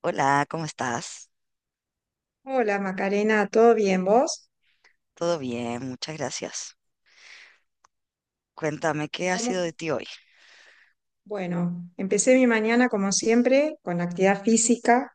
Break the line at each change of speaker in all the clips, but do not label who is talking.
Hola, ¿cómo estás?
Hola Macarena, ¿todo bien vos?
Todo bien, muchas gracias. Cuéntame, ¿qué ha
¿Cómo?
sido de ti hoy?
Bueno, empecé mi mañana como siempre con actividad física,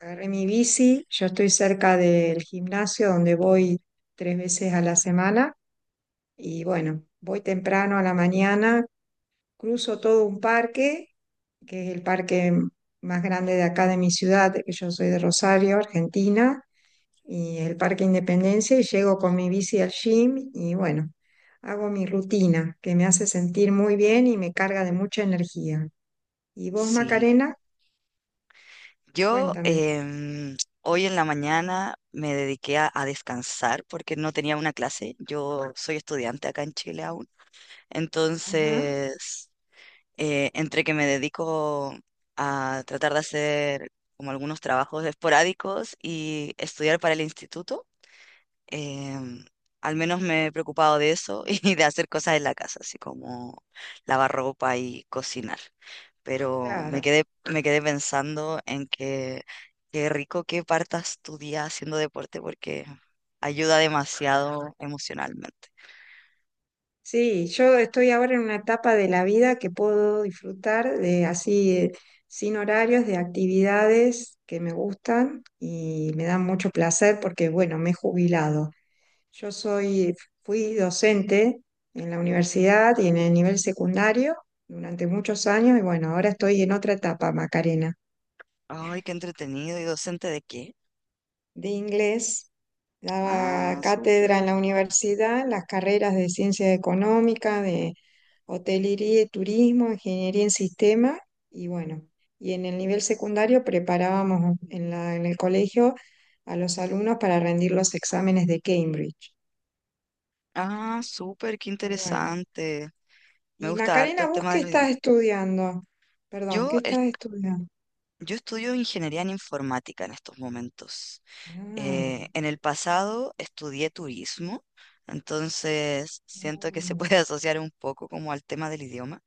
agarré mi bici, yo estoy cerca del gimnasio donde voy tres veces a la semana y bueno, voy temprano a la mañana, cruzo todo un parque, que es el parque más grande de acá de mi ciudad, que yo soy de Rosario, Argentina, y el Parque Independencia y llego con mi bici al gym y bueno, hago mi rutina que me hace sentir muy bien y me carga de mucha energía. ¿Y vos,
Sí,
Macarena?
yo
Cuéntame.
hoy en la mañana me dediqué a descansar porque no tenía una clase. Yo soy estudiante acá en Chile aún.
Ajá,
Entonces, entre que me dedico a tratar de hacer como algunos trabajos esporádicos y estudiar para el instituto. Em, Al menos me he preocupado de eso y de hacer cosas en la casa, así como lavar ropa y cocinar. Pero
claro.
me quedé pensando en que qué rico que partas tu día haciendo deporte porque ayuda demasiado emocionalmente.
Sí, yo estoy ahora en una etapa de la vida que puedo disfrutar de así, sin horarios, de actividades que me gustan y me dan mucho placer porque, bueno, me he jubilado. Yo soy, fui docente en la universidad y en el nivel secundario durante muchos años y bueno, ahora estoy en otra etapa, Macarena,
Ay, qué entretenido. ¿Y docente de qué?
de inglés.
Ah,
Daba cátedra
súper.
en la universidad, las carreras de ciencia económica, de hotelería y turismo, ingeniería en sistema y bueno, y en el nivel secundario preparábamos en el colegio a los alumnos para rendir los exámenes de Cambridge.
Ah, súper, qué
Bueno,
interesante. Me
y
gusta harto
Macarena,
el
¿vos
tema de
qué
los idiomas.
estás estudiando? Perdón,
Yo,
¿qué
es-
estás estudiando?
yo estudio ingeniería en informática en estos momentos.
Ah,
En el pasado estudié turismo, entonces siento que se
mm,
puede asociar un poco como al tema del idioma,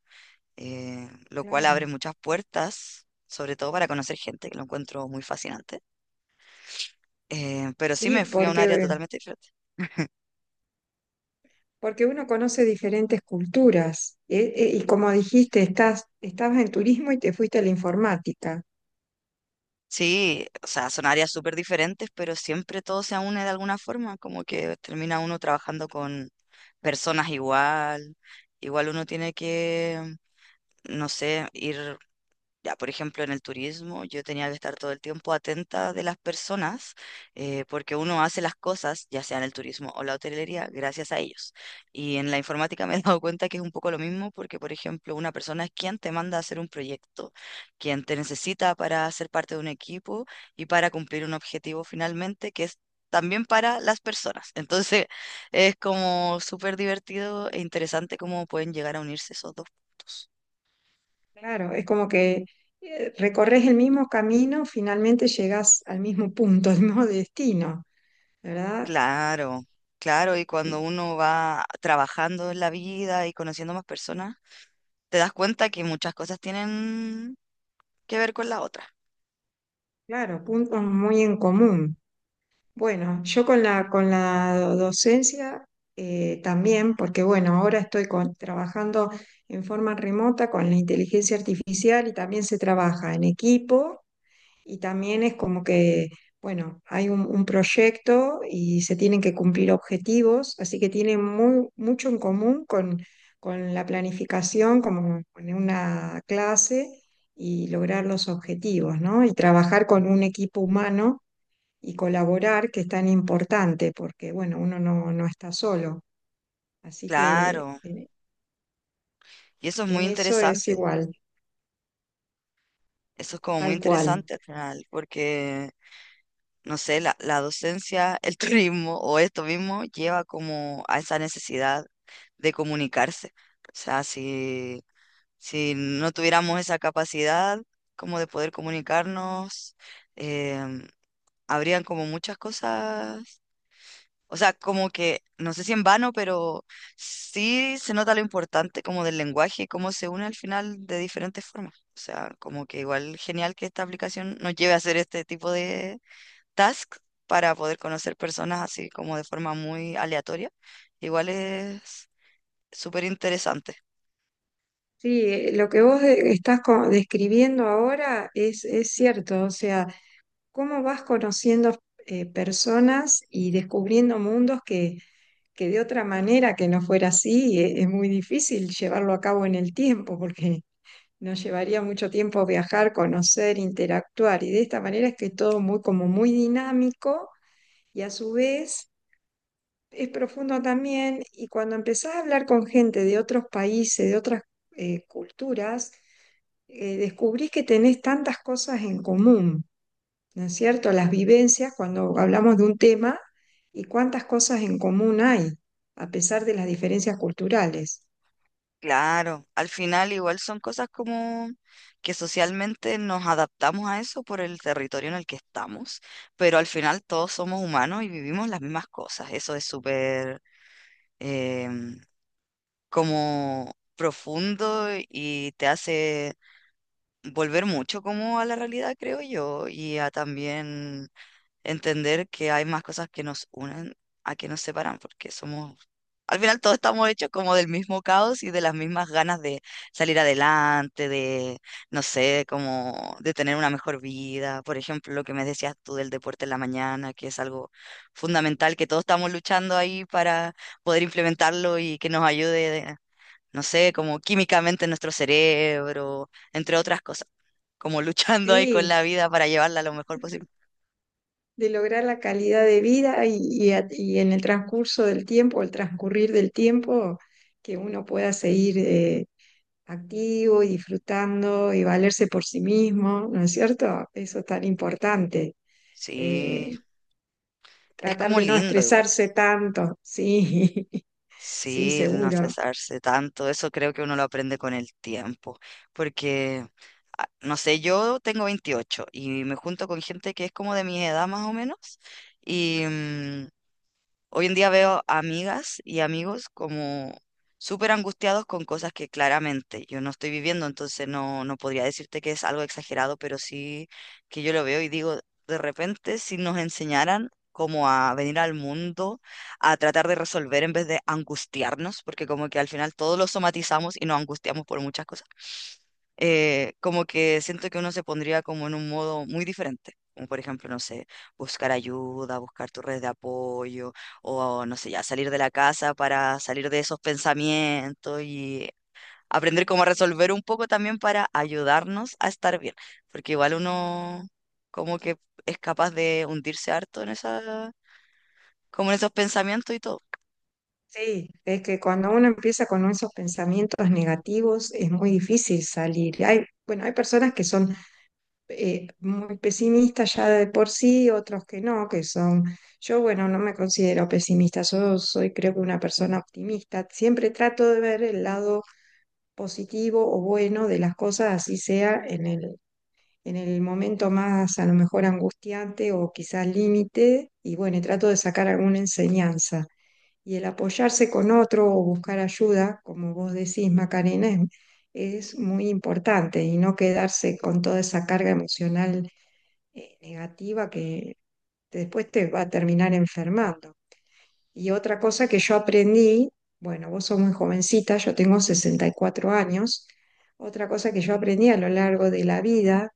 lo cual abre
claro.
muchas puertas, sobre todo para conocer gente, que lo encuentro muy fascinante. Pero sí
Sí,
me fui a un área
porque,
totalmente diferente.
porque uno conoce diferentes culturas. Y como dijiste, estás, estabas en turismo y te fuiste a la informática.
Sí, o sea, son áreas súper diferentes, pero siempre todo se une de alguna forma, como que termina uno trabajando con personas igual, igual uno tiene que, no sé, ir. Ya, por ejemplo, en el turismo yo tenía que estar todo el tiempo atenta de las personas, porque uno hace las cosas, ya sea en el turismo o la hotelería, gracias a ellos. Y en la informática me he dado cuenta que es un poco lo mismo, porque, por ejemplo, una persona es quien te manda a hacer un proyecto, quien te necesita para ser parte de un equipo y para cumplir un objetivo finalmente, que es también para las personas. Entonces, es como súper divertido e interesante cómo pueden llegar a unirse esos dos puntos.
Claro, es como que recorres el mismo camino, finalmente llegas al mismo punto, al mismo destino, ¿verdad?
Claro, claro, y
Y
cuando uno va trabajando en la vida y conociendo más personas, te das cuenta que muchas cosas tienen que ver con la otra.
claro, puntos muy en común. Bueno, yo con la docencia también, porque bueno, ahora estoy trabajando en forma remota con la inteligencia artificial y también se trabaja en equipo y también es como que, bueno, hay un proyecto y se tienen que cumplir objetivos, así que tiene muy, mucho en común con la planificación, como en una clase y lograr los objetivos, ¿no? Y trabajar con un equipo humano y colaborar, que es tan importante, porque bueno, uno no, no está solo. Así que
Claro, y eso es muy
en eso es
interesante,
igual,
eso es como muy
tal cual.
interesante al final, porque, no sé, la docencia, el turismo o esto mismo lleva como a esa necesidad de comunicarse. O sea, si no tuviéramos esa capacidad como de poder comunicarnos, em, habrían como muchas cosas, o sea, como que, no sé si en vano, pero sí se nota lo importante como del lenguaje y cómo se une al final de diferentes formas. O sea, como que igual genial que esta aplicación nos lleve a hacer este tipo de tasks para poder conocer personas así como de forma muy aleatoria. Igual es súper interesante.
Sí, lo que vos estás describiendo ahora es cierto, o sea, cómo vas conociendo personas y descubriendo mundos que de otra manera que no fuera así, es muy difícil llevarlo a cabo en el tiempo, porque nos llevaría mucho tiempo viajar, conocer, interactuar, y de esta manera es que todo muy como muy dinámico y a su vez es profundo también y cuando empezás a hablar con gente de otros países, de otras culturas, descubrís que tenés tantas cosas en común, ¿no es cierto? Las vivencias cuando hablamos de un tema y cuántas cosas en común hay, a pesar de las diferencias culturales.
Claro, al final igual son cosas como que socialmente nos adaptamos a eso por el territorio en el que estamos, pero al final todos somos humanos y vivimos las mismas cosas. Eso es súper em, como profundo y te hace volver mucho como a la realidad, creo yo, y a también entender que hay más cosas que nos unen a que nos separan, porque somos, al final todos estamos hechos como del mismo caos y de las mismas ganas de salir adelante, de, no sé, como de tener una mejor vida. Por ejemplo, lo que me decías tú del deporte en la mañana, que es algo fundamental, que todos estamos luchando ahí para poder implementarlo y que nos ayude, de- no sé, como químicamente en nuestro cerebro, entre otras cosas, como luchando ahí con la
Sí,
vida para llevarla lo mejor posible.
de lograr la calidad de vida y y en el transcurso del tiempo, el transcurrir del tiempo, que uno pueda seguir activo y disfrutando y valerse por sí mismo, ¿no es cierto? Eso es tan importante.
Sí.
Eh,
Es
tratar
como
de no
lindo igual.
estresarse tanto, sí, sí,
Sí, el no
seguro.
cesarse tanto, eso creo que uno lo aprende con el tiempo, porque, ah, no sé, yo tengo 28 y me junto con gente que es como de mi edad más o menos, y, mm, hoy en día veo a amigas y amigos como súper angustiados con cosas que claramente yo no estoy viviendo, entonces no, no podría decirte que es algo exagerado, pero sí que yo lo veo y digo, de repente si nos enseñaran como a venir al mundo, a tratar de resolver en vez de angustiarnos, porque como que al final todos lo somatizamos y nos angustiamos por muchas cosas, como que siento que uno se pondría como en un modo muy diferente. Como por ejemplo, no sé, buscar ayuda, buscar tu red de apoyo, o no sé, ya salir de la casa para salir de esos pensamientos y aprender cómo resolver un poco también para ayudarnos a estar bien, porque igual uno como que es capaz de hundirse harto en esa, como en esos pensamientos y todo.
Sí, es que cuando uno empieza con esos pensamientos negativos es muy difícil salir. Hay, bueno, hay personas que son muy pesimistas ya de por sí, otros que no, que son... Yo, bueno, no me considero pesimista, yo soy creo que una persona optimista. Siempre trato de ver el lado positivo o bueno de las cosas, así sea en el momento más a lo mejor angustiante o quizás límite, y bueno, y trato de sacar alguna enseñanza. Y el apoyarse con otro o buscar ayuda, como vos decís, Macarena, es muy importante y no quedarse con toda esa carga emocional negativa que después te va a terminar enfermando. Y otra cosa que yo aprendí, bueno, vos sos muy jovencita, yo tengo 64 años, otra cosa que yo aprendí a lo largo de la vida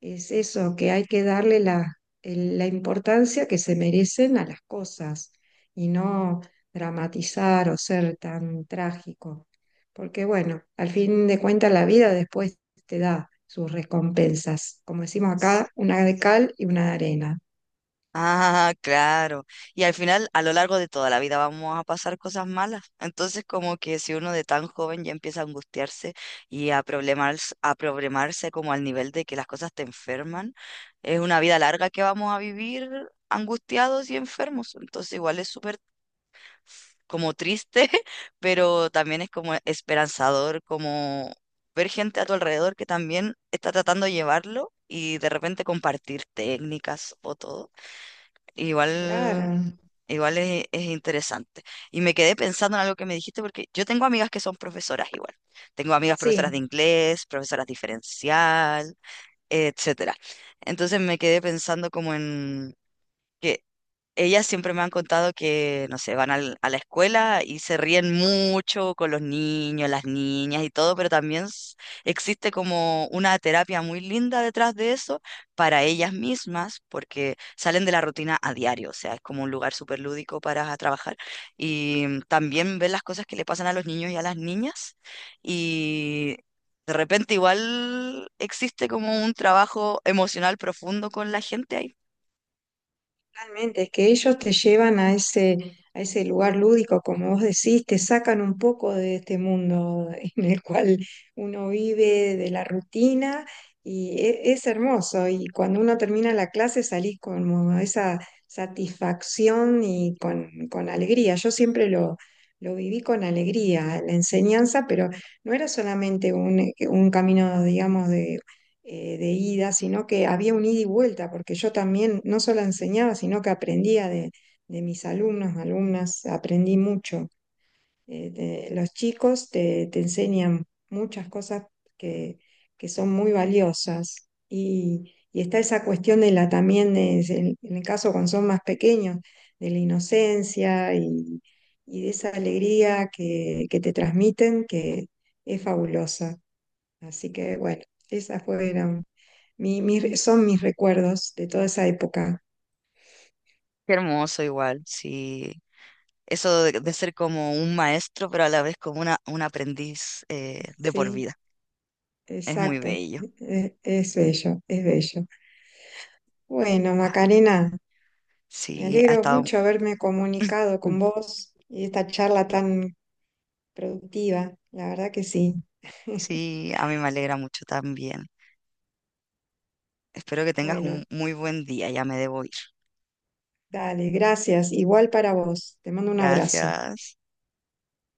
es eso, que hay que darle la, la importancia que se merecen a las cosas y no dramatizar o ser tan trágico, porque bueno, al fin de cuentas la vida después te da sus recompensas, como decimos acá, una de cal y una de arena.
Ah, claro. Y al final, a lo largo de toda la vida vamos a pasar cosas malas. Entonces, como que si uno de tan joven ya empieza a angustiarse y a problemarse como al nivel de que las cosas te enferman, es una vida larga que vamos a vivir angustiados y enfermos. Entonces, igual es súper como triste, pero también es como esperanzador, como ver gente a tu alrededor que también está tratando de llevarlo y de repente compartir técnicas o todo.
Claro,
Igual, igual es interesante. Y me quedé pensando en algo que me dijiste, porque yo tengo amigas que son profesoras igual. Tengo amigas profesoras
sí.
de inglés, profesoras diferencial, etcétera. Entonces me quedé pensando como en que ellas siempre me han contado que, no sé, van a la escuela y se ríen mucho con los niños, las niñas y todo, pero también existe como una terapia muy linda detrás de eso para ellas mismas, porque salen de la rutina a diario, o sea, es como un lugar súper lúdico para trabajar y también ven las cosas que le pasan a los niños y a las niñas y... De repente igual existe como un trabajo emocional profundo con la gente ahí.
Totalmente, es que ellos te llevan a ese lugar lúdico, como vos decís, te sacan un poco de este mundo en el cual uno vive de la rutina y es hermoso. Y cuando uno termina la clase salís con esa satisfacción y con alegría. Yo siempre lo viví con alegría, la enseñanza, pero no era solamente un camino, digamos, de ida, sino que había un ida y vuelta, porque yo también no solo enseñaba, sino que aprendía de mis alumnos, alumnas, aprendí mucho. Los chicos te, te enseñan muchas cosas que, que son muy valiosas y está esa cuestión de la también, es en el caso cuando son más pequeños, de la inocencia y de esa alegría que te transmiten que es fabulosa. Así que bueno, esa fue son mis recuerdos de toda esa época.
Qué hermoso igual, sí. Eso de ser como un maestro, pero a la vez como un aprendiz de
Sí,
por vida. Es muy
exacto.
bello.
Es bello, es bello. Bueno,
Ah,
Macarena, me
sí, ha
alegro
estado.
mucho haberme comunicado
Mm.
con vos y esta charla tan productiva. La verdad que sí.
Sí, a mí me alegra mucho también. Espero que tengas
Bueno,
un muy buen día, ya me debo ir.
dale, gracias. Igual para vos. Te mando un abrazo.
Gracias.